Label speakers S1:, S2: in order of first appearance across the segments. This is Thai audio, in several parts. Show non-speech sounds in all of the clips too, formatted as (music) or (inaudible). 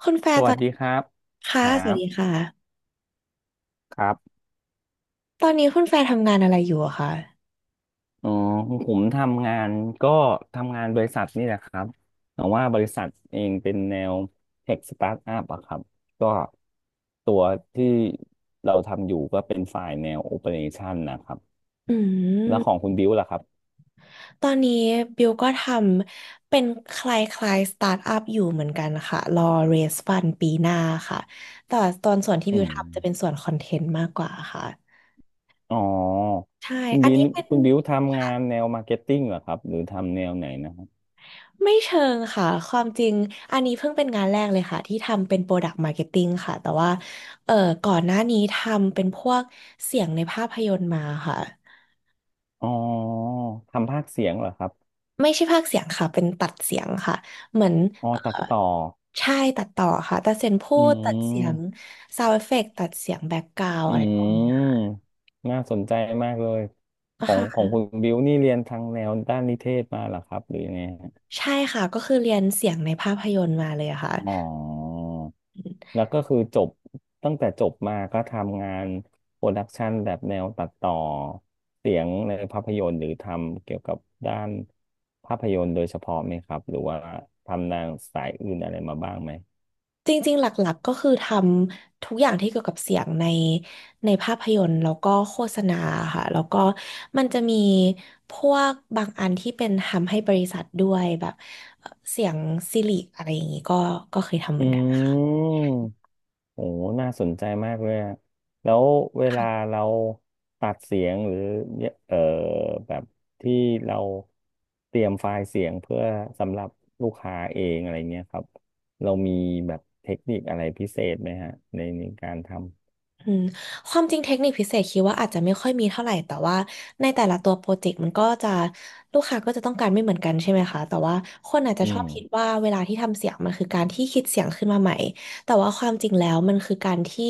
S1: คุณแฟ
S2: ส
S1: ร์ต
S2: วั
S1: อ
S2: ส
S1: น
S2: ดีครับ
S1: ค่ะ
S2: ครั
S1: สวัสดีค
S2: บ
S1: ่ะ
S2: ครับ
S1: ตอนนี้คุณแฟร์ทำงานอะไรอยู่อะคะ
S2: อ๋อผมทำงานก็ทำงานบริษัทนี่แหละครับแต่ว่าบริษัทเองเป็นแนวเทคสตาร์ทอัพอะครับก็ตัวที่เราทำอยู่ก็เป็นฝ่ายแนวโอเปอเรชันนะครับ
S1: อื
S2: แล้
S1: ม
S2: วของคุณบิวล่ะครับ
S1: ตอนนี้บิวก็ทำเป็นคล้ายๆสตาร์ทอัพอยู่เหมือนกันค่ะรอเรสฟันปีหน้าค่ะแต่ว่าตอนส่วนที่บิ
S2: อื
S1: ว
S2: ม
S1: ทำจะเป็นส่วนคอนเทนต์มากกว่าค่ะ
S2: อ๋อ
S1: ใช่
S2: คุณ
S1: อัน
S2: บิว
S1: นี้เป็น
S2: คุณบิวทำงาน
S1: ค่ะ
S2: แนวมาร์เก็ตติ้งเหรอครับหรือทำแนวไหนนะครับ
S1: ไม่เชิงค่ะความจริงอันนี้เพิ่งเป็นงานแรกเลยค่ะที่ทำเป็น Product Marketing ค่ะแต่ว่าเอ่อก่อนหน้านี้ทำเป็นพวกเสียงในภาพยนตร์มาค่ะ
S2: อ๋อทำภาคเสียงเหรอครับ
S1: ไม่ใช่พากย์เสียงค่ะเป็นตัดเสียงค่ะ เหมือน
S2: อ๋อ
S1: เอ่อ
S2: ตัดต่อ
S1: ใช่ตัดต่อค่ะตัดเสียงพู
S2: อื
S1: ดตัดเสียง
S2: ม
S1: ซาวด์เอฟเฟกต์ตัดเสียงแบ็กกราว
S2: อื
S1: อะไรพวกนี้ค่
S2: มน่าสนใจมากเลยข
S1: ะ
S2: องของ
S1: ค่ะ
S2: คุณบิวนี่เรียนทางแนวด้านนิเทศมาเหรอครับหรือยังไงฮะ
S1: ใช่ค่ะก็คือเรียนเสียงในภาพยนตร์มาเลยค่ะ
S2: อ๋อแล้วก็คือจบตั้งแต่จบมาก็ทำงานโปรดักชันแบบแนวตัดต่อเสียงในภาพยนตร์หรือทำเกี่ยวกับด้านภาพยนตร์โดยเฉพาะไหมครับหรือว่าทำนางสายอื่นอะไรมาบ้างไหม
S1: จริงๆหลักๆก็คือทำทุกอย่างที่เกี่ยวกับเสียงในในภาพยนตร์แล้วก็โฆษณาค่ะแล้วก็มันจะมีพวกบางอันที่เป็นทำให้บริษัทด้วยแบบเสียงซิลิกอะไรอย่างนี้ก็ก็เคยทำเหมือนกันค่
S2: อืม โอ้น่าสนใจมากเลยอะแล้วเวลา
S1: ะ
S2: เราตัดเสียงหรือเอ่อแบบที่เราเตรียมไฟล์เสียงเพื่อสำหรับลูกค้าเองอะไรเงี้ยครับ เรามีแบบเทคนิคอะไรพิเศษไหมฮะในในการทำ
S1: อืมความจริงเทคนิคพิเศษคิดว่าอาจจะไม่ค่อยมีเท่าไหร่แต่ว่าในแต่ละตัวโปรเจกต์มันก็จะลูกค้าก็จะต้องการไม่เหมือนกันใช่ไหมคะแต่ว่าคนอาจจะ
S2: อื
S1: ชอบ
S2: ม
S1: คิดว่าเวลาที่ทำเสียงมันคือการที่คิดเสียงขึ้นมาใหม่แต่ว่าความจริงแล้วมันคือการที่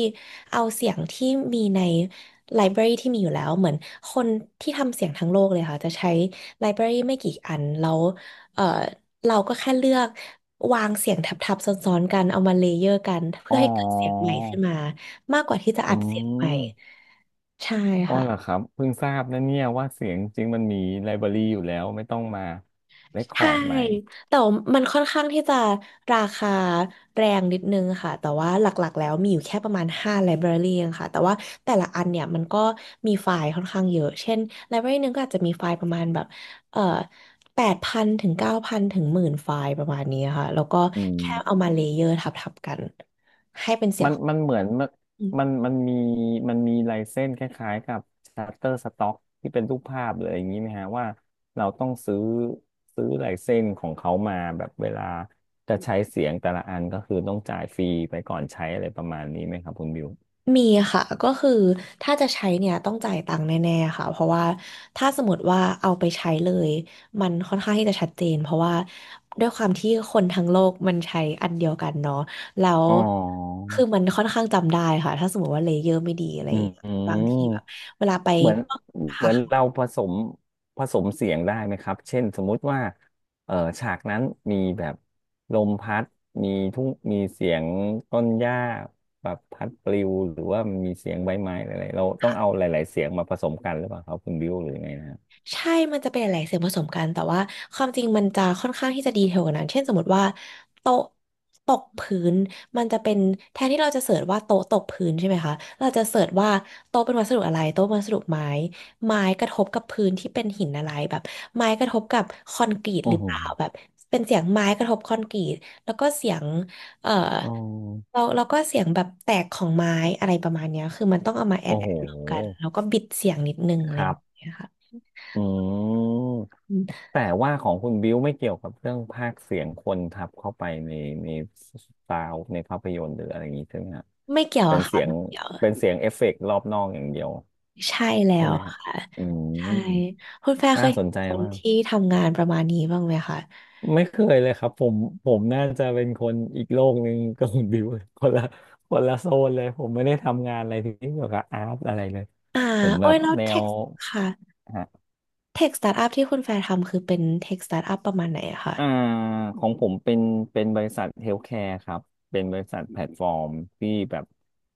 S1: เอาเสียงที่มีในไลบรารีที่มีอยู่แล้วเหมือนคนที่ทำเสียงทั้งโลกเลยค่ะจะใช้ไลบรารีไม่กี่อันแล้วเอ่อเราก็แค่เลือกวางเสียงทับๆซ้อนๆกันเอามาเลเยอร์กันเพื่
S2: อ๋
S1: อให้เกิดเสียงให
S2: อ
S1: ม่ขึ้นมา มากกว่าที่จะ
S2: อื
S1: อัดเสียงใหม่
S2: ม
S1: ใช่
S2: อ๋อ
S1: ค่ะ
S2: เหรอครับเพิ่งทราบนะเนี่ยว่าเสียงจริงมันมีไลบรารีอยู่แล้วไม่ต้องมาเรคคอ
S1: ใช่
S2: ร์ดใหม่
S1: แต่ว่ามันค่อนข้างที่จะราคาแรงนิดนึงค่ะแต่ว่าหลักๆแล้วมีอยู่แค่ประมาณ5 library เองค่ะแต่ว่าแต่ละอันเนี่ยมันก็มีไฟล์ค่อนข้างเยอะเช่น library หนึงก็อาจจะมีไฟล์ประมาณแบบเอ่อแปดพันถึงเก้าพันถึงหมื่นไฟล์ประมาณนี้ค่ะแล้วก็
S2: อื
S1: แค่เอามาเล
S2: ม
S1: เยอร์ทับๆกัน
S2: มันเหมือนมันมีมีลายเส้นคล้ายๆกับ s h u t t e r Stock ที่เป็นรูปภาพเลยอย่างนี้ไหมฮะว่าเราต้องซื้อลายเส้นของเขามาแบบเวลาจะใช้เสียงแต่ละอันก็คือต้องจ่ายฟรีไปก่อนใช้อะไรประมาณนี้ไหมครับคุณบิว
S1: มีค่ะก็คือถ้าจะใช้เนี่ยต้องจ่ายตังค์แน่ๆค่ะเพราะว่าถ้าสมมติว่าเอาไปใช้เลยมันค่อนข้างที่จะชัดเจนเพราะว่าด้วยความที่คนทั้งโลกมันใช้อันเดียวกันเนาะแล้ว
S2: อ๋อ
S1: คือมันค่อนข้างจำได้ค่ะถ้าสมมติว่าเลเยอร์ไม่ดีอะไรอ
S2: อื
S1: ย่าง
S2: ม
S1: เงี้ยบางทีแบบเวลาไป
S2: เหมือน
S1: พวก
S2: เหมื
S1: ค่ะ
S2: อนเราผสมเสียงได้ไหมครับเช่นสมมุติว่าฉากนั้นมีแบบลมพัดมีทุ่งมีเสียงต้นหญ้าแบบพัดปลิวหรือว่ามันมีเสียงใบไม้อะไรเราต้องเอาหลายๆเสียงมาผสมกันหรือเปล่าครับคุณบิวหรือยังไงนะฮะ
S1: ใช่มันจะเป็นหลายๆเสียงผสมกัน แต่ว่าความจริงมันจะค่อนข้างที่จะดีเทลกว่านั้นเช่นสมมติว่าโต๊ะตกพื้นมันจะเป็นแทนที่เราจะเสิร์ชว่าโต๊ะตกพื้นใช่ไหมคะเราจะเสิร์ชว่าโต๊ะเป็นวัสดุอะไรโต๊ะเป็นวัสดุไม้ไม้กระทบกับพื้นที่เป็นหินอะไรแบบไม้กระทบกับคอนกรีต
S2: โอ้
S1: หรือ
S2: โห
S1: เปล่าแบบเป็นเสียงไม้กระทบคอนกรีตแล้วก็เสียงเอ่อ
S2: อ๋อ
S1: เราก็เสียงแบบแตกของไม้อะไรประมาณเนี้ยคือมันต้องเอามาแอ
S2: โอ้
S1: ดแอ
S2: โห
S1: ดรวมกันแล้วก็บิดเสียงนิดนึงอะ
S2: ค
S1: ไรอ
S2: รั
S1: ย่าง
S2: บ
S1: เงี้ยค่ะ
S2: อืม แต่ว่าของคุณบิวไม่เกี่ยวกับเรื่องพากย์เสียงคนทับเข้าไปในในซาวในภาพยนตร์หรืออะไรอย่างนี้ใช่ไหมฮะ
S1: ไม่เกี่ยว
S2: เป็
S1: อะ
S2: น
S1: ค่ะ
S2: เสียง
S1: ไม่เกี่ยว
S2: เป็นเสียงเอฟเฟกต์รอบนอกอย่างเดียว
S1: ใช่แล้
S2: ใช่
S1: ว
S2: ไหมฮะ
S1: ค่ะ
S2: อื
S1: ใช่
S2: ม
S1: คุณแฟร์เค
S2: น่า
S1: ย
S2: สน
S1: เห็น
S2: ใจ
S1: คน
S2: มาก
S1: ที่ทำงานประมาณนี้บ้างไหมคะ
S2: ไม่เคยเลยครับผมผมน่าจะเป็นคนอีกโลกหนึ่งกับคุณบิวเลยคนละโซนเลยผมไม่ได้ทำงานอะไรที่เกี่ยวกับอาร์ตอะไรเลย
S1: อ่า
S2: ผมแบ
S1: โอ้ย
S2: บ
S1: แล้ว
S2: แน
S1: เท
S2: ว
S1: คค่ะเทคสตาร์ทอัพที่คุณแฟร์ทำคือเป็นเทคสตาร์ทอัพประมาณไหนอะคะ
S2: อ่าของผมเป็นบริษัทเฮลท์แคร์ครับเป็นบริษัทแพลตฟอร์มที่แบบ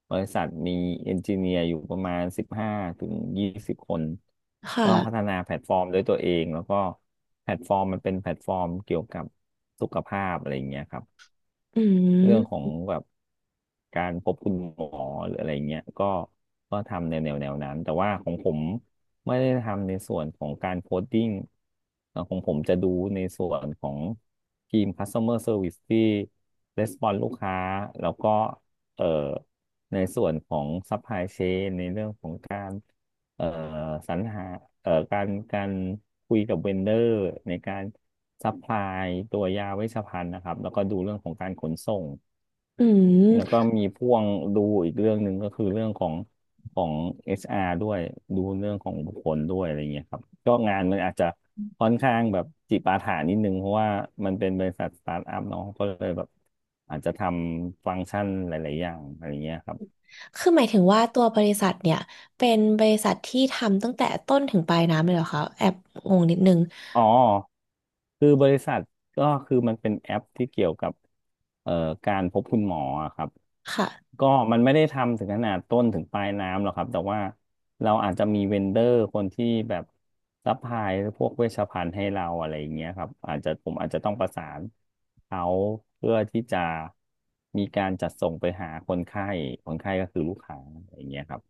S2: บริษัทมีเอนจิเนียร์อยู่ประมาณ15ถึง20คน
S1: ค
S2: ก็พัฒ
S1: ่ะ
S2: นาแพลตฟอร์มด้วยตัวเองแล้วก็แพลตฟอร์มมันเป็นแพลตฟอร์มเกี่ยวกับสุขภาพอะไรอย่างเงี้ยครับ
S1: อื
S2: เรื่องข
S1: ม
S2: องแบบการพบคุณหมอหรืออะไรเงี้ยก็ก็ทำในแนวแนวนั้น แต่ว่าของผมไม่ได้ทำในส่วนของการโคดดิ้งของผมจะดูในส่วนของทีม Customer Service ที่ Response ลูกค้า แล้วก็เอ่อในส่วนของ Supply Chain ในเรื่องของการเอ่อสรรหาการคุยกับเวนเดอร์ในการซัพพลายตัวยาเวชภัณฑ์นะครับ แล้วก็ดูเรื่องของการขนส่ง
S1: อื
S2: แล้วก็
S1: ม
S2: มีพ่วงดูอีกเรื่องหนึ่งก็คือเรื่องของของ HR ด้วยดูเรื่องของบุคคลด้วยอะไรเงี้ยครับก็งานมันอาจจะค่อนข้างแบบจิปาถะนิดนึงเพราะว่ามันเป็นบริษัทสตาร์ทอัพเนาะก็เลยแบบอาจจะทำฟังก์ชันหลายๆอย่างอะไรเงี้ยครับ
S1: คือหมายถึงว่าตัวบริษัทเนี่ยเป็นบริษัทที่ทำตั้งแต่ต้นถึงปลายน้ำเลยเหรอคะแอบงงนิดนึง
S2: อ๋อคือบริษัทก็คือมันเป็นแอปที่เกี่ยวกับเอ่อการพบคุณหมออะครับ
S1: ค่ะ
S2: ก็มันไม่ได้ทำถึงขนาดต้นถึงปลายน้ำหรอกครับแต่ว่าเราอาจจะมีเวนเดอร์คนที่แบบซัพพลายพวกเวชภัณฑ์ให้เราอะไรอย่างเงี้ยครับอาจจะผมอาจจะต้องประสานเขาเพื่อที่จะมีการจัดส่งไปหาคนไข้คนไข้ก็คือลูกค้าอะไรอย่างเงี้ยครับ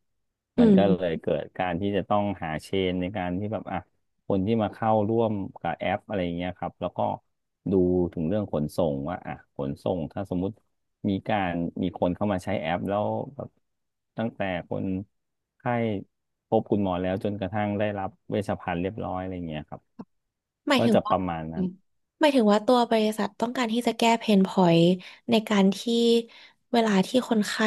S1: อื
S2: มันก็
S1: ม
S2: เลยเกิดการที่จะต้องหาเชนในการที่แบบอ่ะ คนที่มาเข้าร่วมกับแอปอะไรอย่างเงี้ยครับแล้วก็ดูถึงเรื่องขนส่งว่าอ่ะขนส่งถ้าสมมุติมีการมีคนเข้ามาใช้แอปแล้วแบบตั้งแต่คนไข้พบคุณหมอแล้วจนกระทั่งได้รับเวชภัณฑ์เรียบร้อยอะไรอย่างเงี้ยครับ
S1: หมาย
S2: ก็
S1: ถึง
S2: จะป
S1: ว่า
S2: ระมาณ
S1: อื
S2: นั้น
S1: มหมายถึงว่าตัวบริษัทต้องการที่จะแก้เพนพอยต์ในการที่เวลาที่คนไข้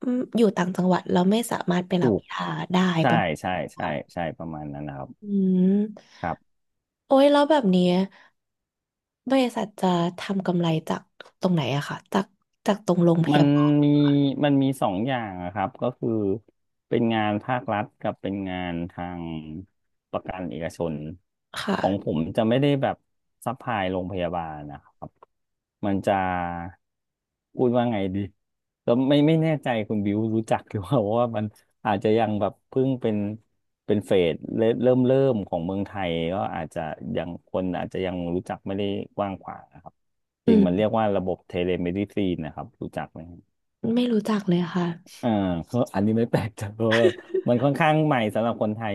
S1: อืมอยู่ต่างจังหวัดแล้วไม่สามารถไป
S2: ถู
S1: รับ
S2: ก
S1: ยาได้ป
S2: ใช่
S1: ระมาณ
S2: ใช่
S1: นี้
S2: ใช่
S1: ค่ะ
S2: ใช่ประมาณนั้นนะครับ
S1: อืม
S2: ครับ
S1: โอ้ยแล้วแบบนี้บริษัทจะทำกำไรจากตรงไหนอะค่ะจากจากตรงโรงพ
S2: มั
S1: ยา
S2: น
S1: บาล
S2: มีมันมีสองอย่างอะครับก็คือเป็นงานภาครัฐกับเป็นงานทางประกันเอกชน
S1: ค่ะ
S2: ของผมจะไม่ได้แบบซัพพลายโรงพยาบาลนะครับมันจะพูดว่าไงดีแล้วไม่แน่ใจคุณบิวรู้จักหรือเปล่าเพราะว่ามันอาจจะยังแบบเพิ่งเป็นเฟสเริ่มของเมืองไทยก็อาจจะยังคนอาจจะยังรู้จักไม่ได้กว้างขวางนะครับ จ
S1: อื
S2: ริงมันเรีย
S1: ม
S2: กว่าระบบเทเลเมดิซีนนะครับรู้จักไหม
S1: ไม่รู้จักเลยค่ะ
S2: อ่าก็อันนี้ไม่แปลกใจ (laughs) เพราะว่ามันค่อนข้างใหม่สำหรับคนไทย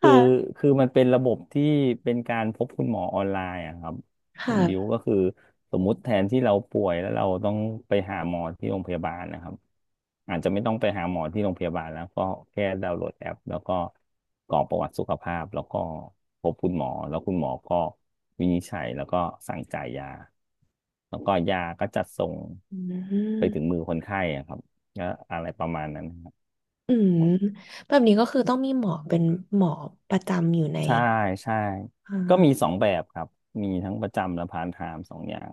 S2: คือ
S1: ่ะ
S2: คือมันเป็นระบบที่เป็นการพบคุณหมอออนไลน์อะครับคุ
S1: ค่ะ
S2: ณบิวก็คือสมมุติแทนที่เราป่วยแล้วเราต้องไปหาหมอที่โรงพยาบาลนะครับอาจจะไม่ต้องไปหาหมอที่โรงพยาบาลแล้วก็แค่ดาวน์โหลดแอปแล้วก็กรอกประวัติสุขภาพแล้วก็พบคุณหมอแล้วคุณหมอก็วินิจฉัยแล้วก็สั่งจ่ายยาแล้วก็ยาก็จัดส่ง
S1: อื
S2: ไปถึง
S1: ม
S2: มือคนไข้อะครับ ก็อะไรประมาณนั้นครับ
S1: อืมแบบนี้ก็คือต้องมีหมอเป็นหมอประจำอยู่ใน
S2: ใช่ใช่
S1: อ่
S2: ก็มี
S1: า
S2: สองแบบครับมีทั้งประจำและพาร์ทไทม์สองอย่าง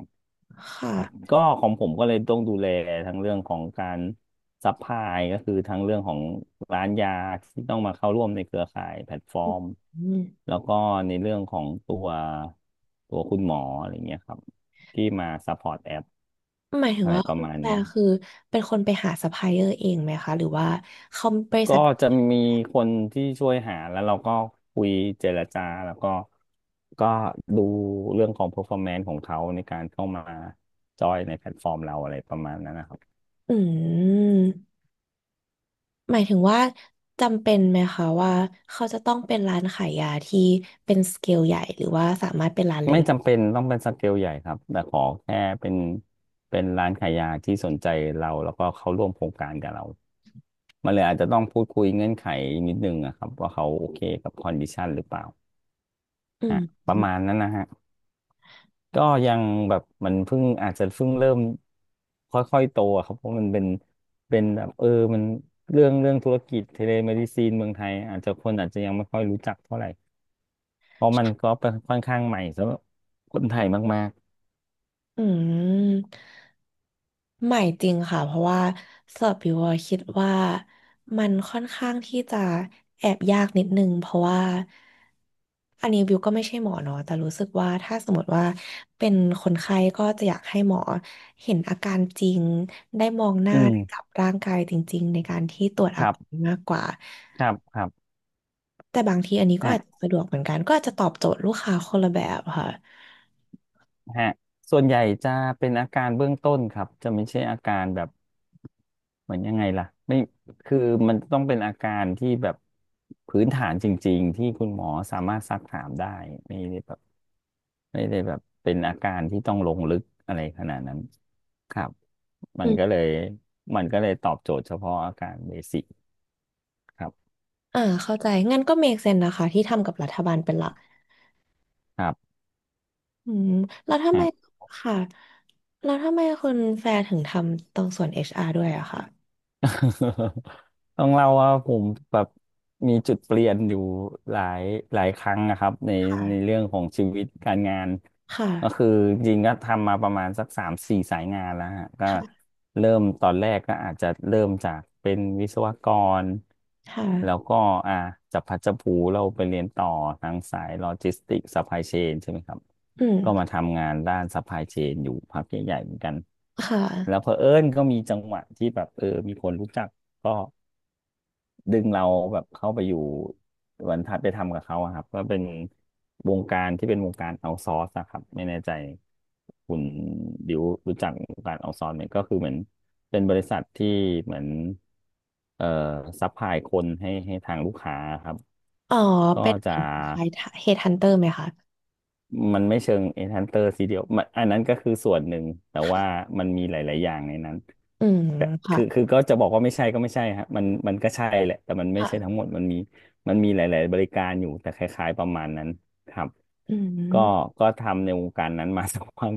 S1: ค่ะ
S2: ครับก็ของผมก็เลยต้องดูแลทั้งเรื่องของการซัพพลายก็คือทั้งเรื่องของร้านยาที่ต้องมาเข้าร่วมในเครือข่ายแพลตฟอร์ม
S1: อืม
S2: แล้วก็ในเรื่องของตัวคุณหมออะไรเงี้ยครับที่มาซัพพอร์ตแอป
S1: หมายถึง
S2: อะไร
S1: ว่า
S2: ประ
S1: คุณ
S2: มาณ
S1: แปล
S2: เนี้ย
S1: คือเป็นคนไปหาซัพพลายเออร์เองไหมคะหรือว่าเขาบริ
S2: ก็
S1: ษัท
S2: จะมีคนที่ช่วยหาแล้วเราก็คุยเจรจาแล้วก็ดูเรื่องของ performance ของเขาในการเข้ามาจอยในแพลตฟอร์มเราอะไรประมาณนั้นนะครับ
S1: อืมหมายถึงว่าจำเป็นไหมคะว่าเขาจะต้องเป็นร้านขายยาที่เป็นสเกลใหญ่หรือว่าสามารถเป็นร้านเล็
S2: ไม่
S1: ก
S2: จำเป็นต้องเป็นสเกลใหญ่ครับแต่ขอแค่เป็นร้านขายยาที่สนใจเราแล้วก็เขาร่วมโครงการกับเรามันเลยอาจจะต้องพูดคุยเงื่อนไขนิดนึงอะครับว่าเขาโอเคกับคอนดิชันหรือเปล่า
S1: ๆอื
S2: อ่ะ
S1: ม
S2: ประมาณนั้นนะฮะ ก็ยังแบบมันเพิ่งอาจจะเพิ่งเริ่มค่อยๆโตอะครับเพราะมันเป็นแบบมันเรื่องธุรกิจเทเลเมดิซีนเมืองไทยอาจจะคนอาจจะยังไม่ค่อยรู้จักเท่าไหร่เพราะมันก็เป็นค่อนข้างใหม่สำหรับคนไทยมาก
S1: อืมใหม่จริงค่ะเพราะว่าสอบบิวอะคิดว่ามันค่อนข้างที่จะแอบยากนิดนึงเพราะว่าอันนี้บิวก็ไม่ใช่หมอเนาะแต่รู้สึกว่าถ้าสมมติว่าเป็นคนไข้ก็จะอยากให้หมอเห็นอาการจริงได้มองห
S2: ๆ
S1: น้า
S2: อืม
S1: ได้จับร่างกายจริงๆในการที่ตรวจ
S2: ค
S1: อา
S2: รั
S1: การ
S2: บ
S1: มากกว่า
S2: ครับครับ
S1: แต่บางทีอันนี้ก็
S2: ฮะ
S1: อาจจะสะดวกเหมือนกันก็อาจจะตอบโจทย์ลูกค้าคนละแบบค่ะ
S2: ฮะส่วนใหญ่จะเป็นอาการเบื้องต้นครับจะไม่ใช่อาการแบบเหมือนยังไงล่ะไม่คือมันต้องเป็นอาการที่แบบพื้นฐานจริงๆที่คุณหมอสามารถซักถามได้ไม่ได้แบบ ไม่ได้แบบเป็นอาการที่ต้องลงลึกอะไรขนาดนั้นครับมันก็เลยมันก็เลยตอบโจทย์เฉพาะอาการเบสิกครับ
S1: อ่าเข้าใจงั้นก็ make sense นะคะที่ทำกับรัฐบาลเป็นหลัก
S2: ครับ
S1: อืมแล้วทำไมค่ะแล้วทำไมคุณแฟร์ถึงทำตรงส่วน HR ด้วยอะค่ะ
S2: (laughs) ต้องเล่าว่าผมแบบมีจุดเปลี่ยนอยู่หลายหลายครั้งนะครับใน
S1: ค่ะ
S2: เรื่องของชีวิตการงานก็
S1: ค่ะ
S2: คือจริงๆก็ทำมาประมาณสักสามสี่สายงานแล้วฮะก็
S1: ค่ะ
S2: เริ่มตอนแรกก็อาจจะเริ่มจากเป็นวิศวกร
S1: ค่ะ
S2: แล้วก็อ่าจับพลัดจับผลูเราไปเรียนต่อทางสายโลจิสติกส์ซัพพลายเชนใช่ไหมครับ
S1: อืม
S2: ก็มาทำงานด้านซัพพลายเชนอยู่พักใหญ่ๆเหมือนกัน
S1: ค่
S2: แล้วเผ
S1: ะ
S2: อิญก็มีจังหวะที่แบบมีคนรู้จักก็ดึงเราแบบเข้าไปอยู่เหมือนทัดไปทำกับเขาอะครับก็เป็นวงการที่เป็นวงการเอาซอร์สอะครับไม่แน่ใจคุณดิวรู้จักวงการเอาซอร์สไหมก็คือเหมือนเป็นบริษัทที่เหมือนเอ่อซัพพลายคนให้ทางลูกค้าครับ
S1: อ๋อ
S2: ก็
S1: เป็น
S2: จะ
S1: เหมือนคล้ายๆ headhunter ไหมคะ
S2: มันไม่เชิง Enhancer ซีเดียวมันอันนั้นก็คือส่วนหนึ่งแต่ว่า
S1: ค่ะ
S2: มันมีหลายๆอย่างในนั้น
S1: อืม
S2: แต่
S1: ค่ะ
S2: คือก็จะบอกว่าไม่ใช่ก็ไม่ใช่ฮะมันก็ใช่แหละแต่มันไม่ใช่ทั้
S1: ค่ะ
S2: งหมดมันมีหลายๆบริการอยู่แต่คล้ายๆประมาณนั้นครับ
S1: อื
S2: ก็
S1: ม
S2: ก็ทำในวงการนั้นมาสักพัก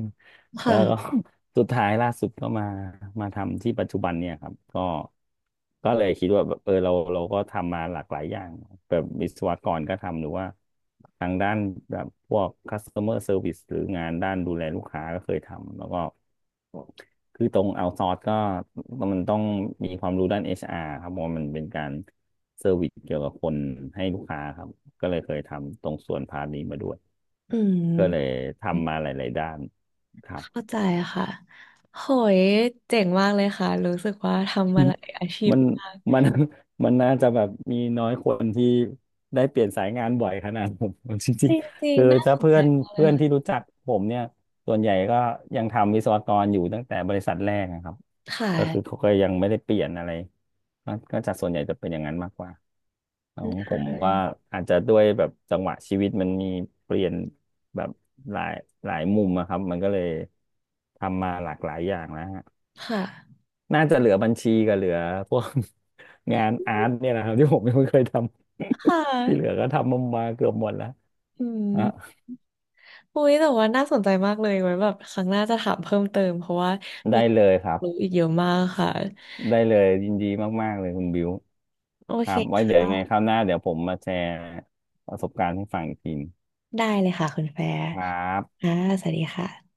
S2: แล้วก็
S1: ค่ะ
S2: สุดท้ายล่าสุดก็มาทำที่ปัจจุบันเนี่ยครับก็เลยคิดว่าแบบเราก็ทำมาหลากหลายอย่างแบบวิศวกรก็ทำหรือว่าทางด้านแบบพวก customer service หรืองานด้านดูแลลูกค้าก็เคยทำแล้วก็คือตรงเอาซอร์สก็มันต้องมีความรู้ด้าน HR ครับเพราะว่ามันเป็นการเซอร์วิสเกี่ยวกับคนให้ลูกค้าครับก็เลยเคยทำตรงส่วนพาร์ทนี้มาด้วย
S1: อื
S2: ก็เลย
S1: ม
S2: ทำมาหลายๆด้านครับ
S1: เข้าใจค่ะโหยเจ๋งมากเลยค่ะรู้สึกว่าทำมาหลายอาชีพ
S2: มัน
S1: มาก
S2: มันมันน่าจะแบบมีน้อยคนที่ได้เปลี่ยนสายงานบ่อยขนาดผม (laughs) จ
S1: จ
S2: ริง
S1: ริ
S2: ๆ
S1: ง
S2: คือ
S1: ๆน่า
S2: ถ้า
S1: สน
S2: เพื่อ
S1: ใจ
S2: น
S1: มากเลย
S2: เพื่อนที่
S1: ค่ะ
S2: รู้จักผมเนี่ยส่วนใหญ่ก็ยังทำวิศวกรอยู่ตั้งแต่บริษัทแรกนะครับ
S1: ค
S2: ก็คือ
S1: ่ะ
S2: เขาก็ยังไม่ได้เปลี่ยนอะไรก็จะส่วนใหญ่จะเป็นอย่างนั้นมากกว่าของผมก็อาจจะด้วยแบบจังหวะชีวิตมันมีเปลี่ยนแบบหลายหลายมุมอะครับมันก็เลยทำมาหลากหลายอย่างแล้ว
S1: ค่ะ
S2: น่าจะเหลือบัญชีกับเหลือพวก (laughs) งานอาร์ตเนี่ยนะครับที่ผมยังไม่เคยทำ
S1: ค่
S2: (laughs) ที่เหลือ
S1: ะ
S2: ก็ทำมาเกือบหมดแล้ว
S1: อืม
S2: อ่ะ
S1: อุ้ยแต่ว่าน่าสนใจมากเลยไว้แบบครั้งหน้าจะถามเพิ่มเติมเพราะว่ามี
S2: ได้
S1: เรื่
S2: เล
S1: อง
S2: ยครับ
S1: รู้อีกเยอะมากค่ะ
S2: ได้เลยยินดีมากๆเลยคุณบิว
S1: โอ
S2: ค
S1: เค
S2: รับไว้
S1: ค
S2: เดี๋ยวยังไง
S1: ่ะ
S2: คราวหน้าเดี๋ยวผมมาแชร์ประสบการณ์ให้ฟังอีกที
S1: ได้เลยค่ะคุณแฟร์
S2: ครับ
S1: ค่ะ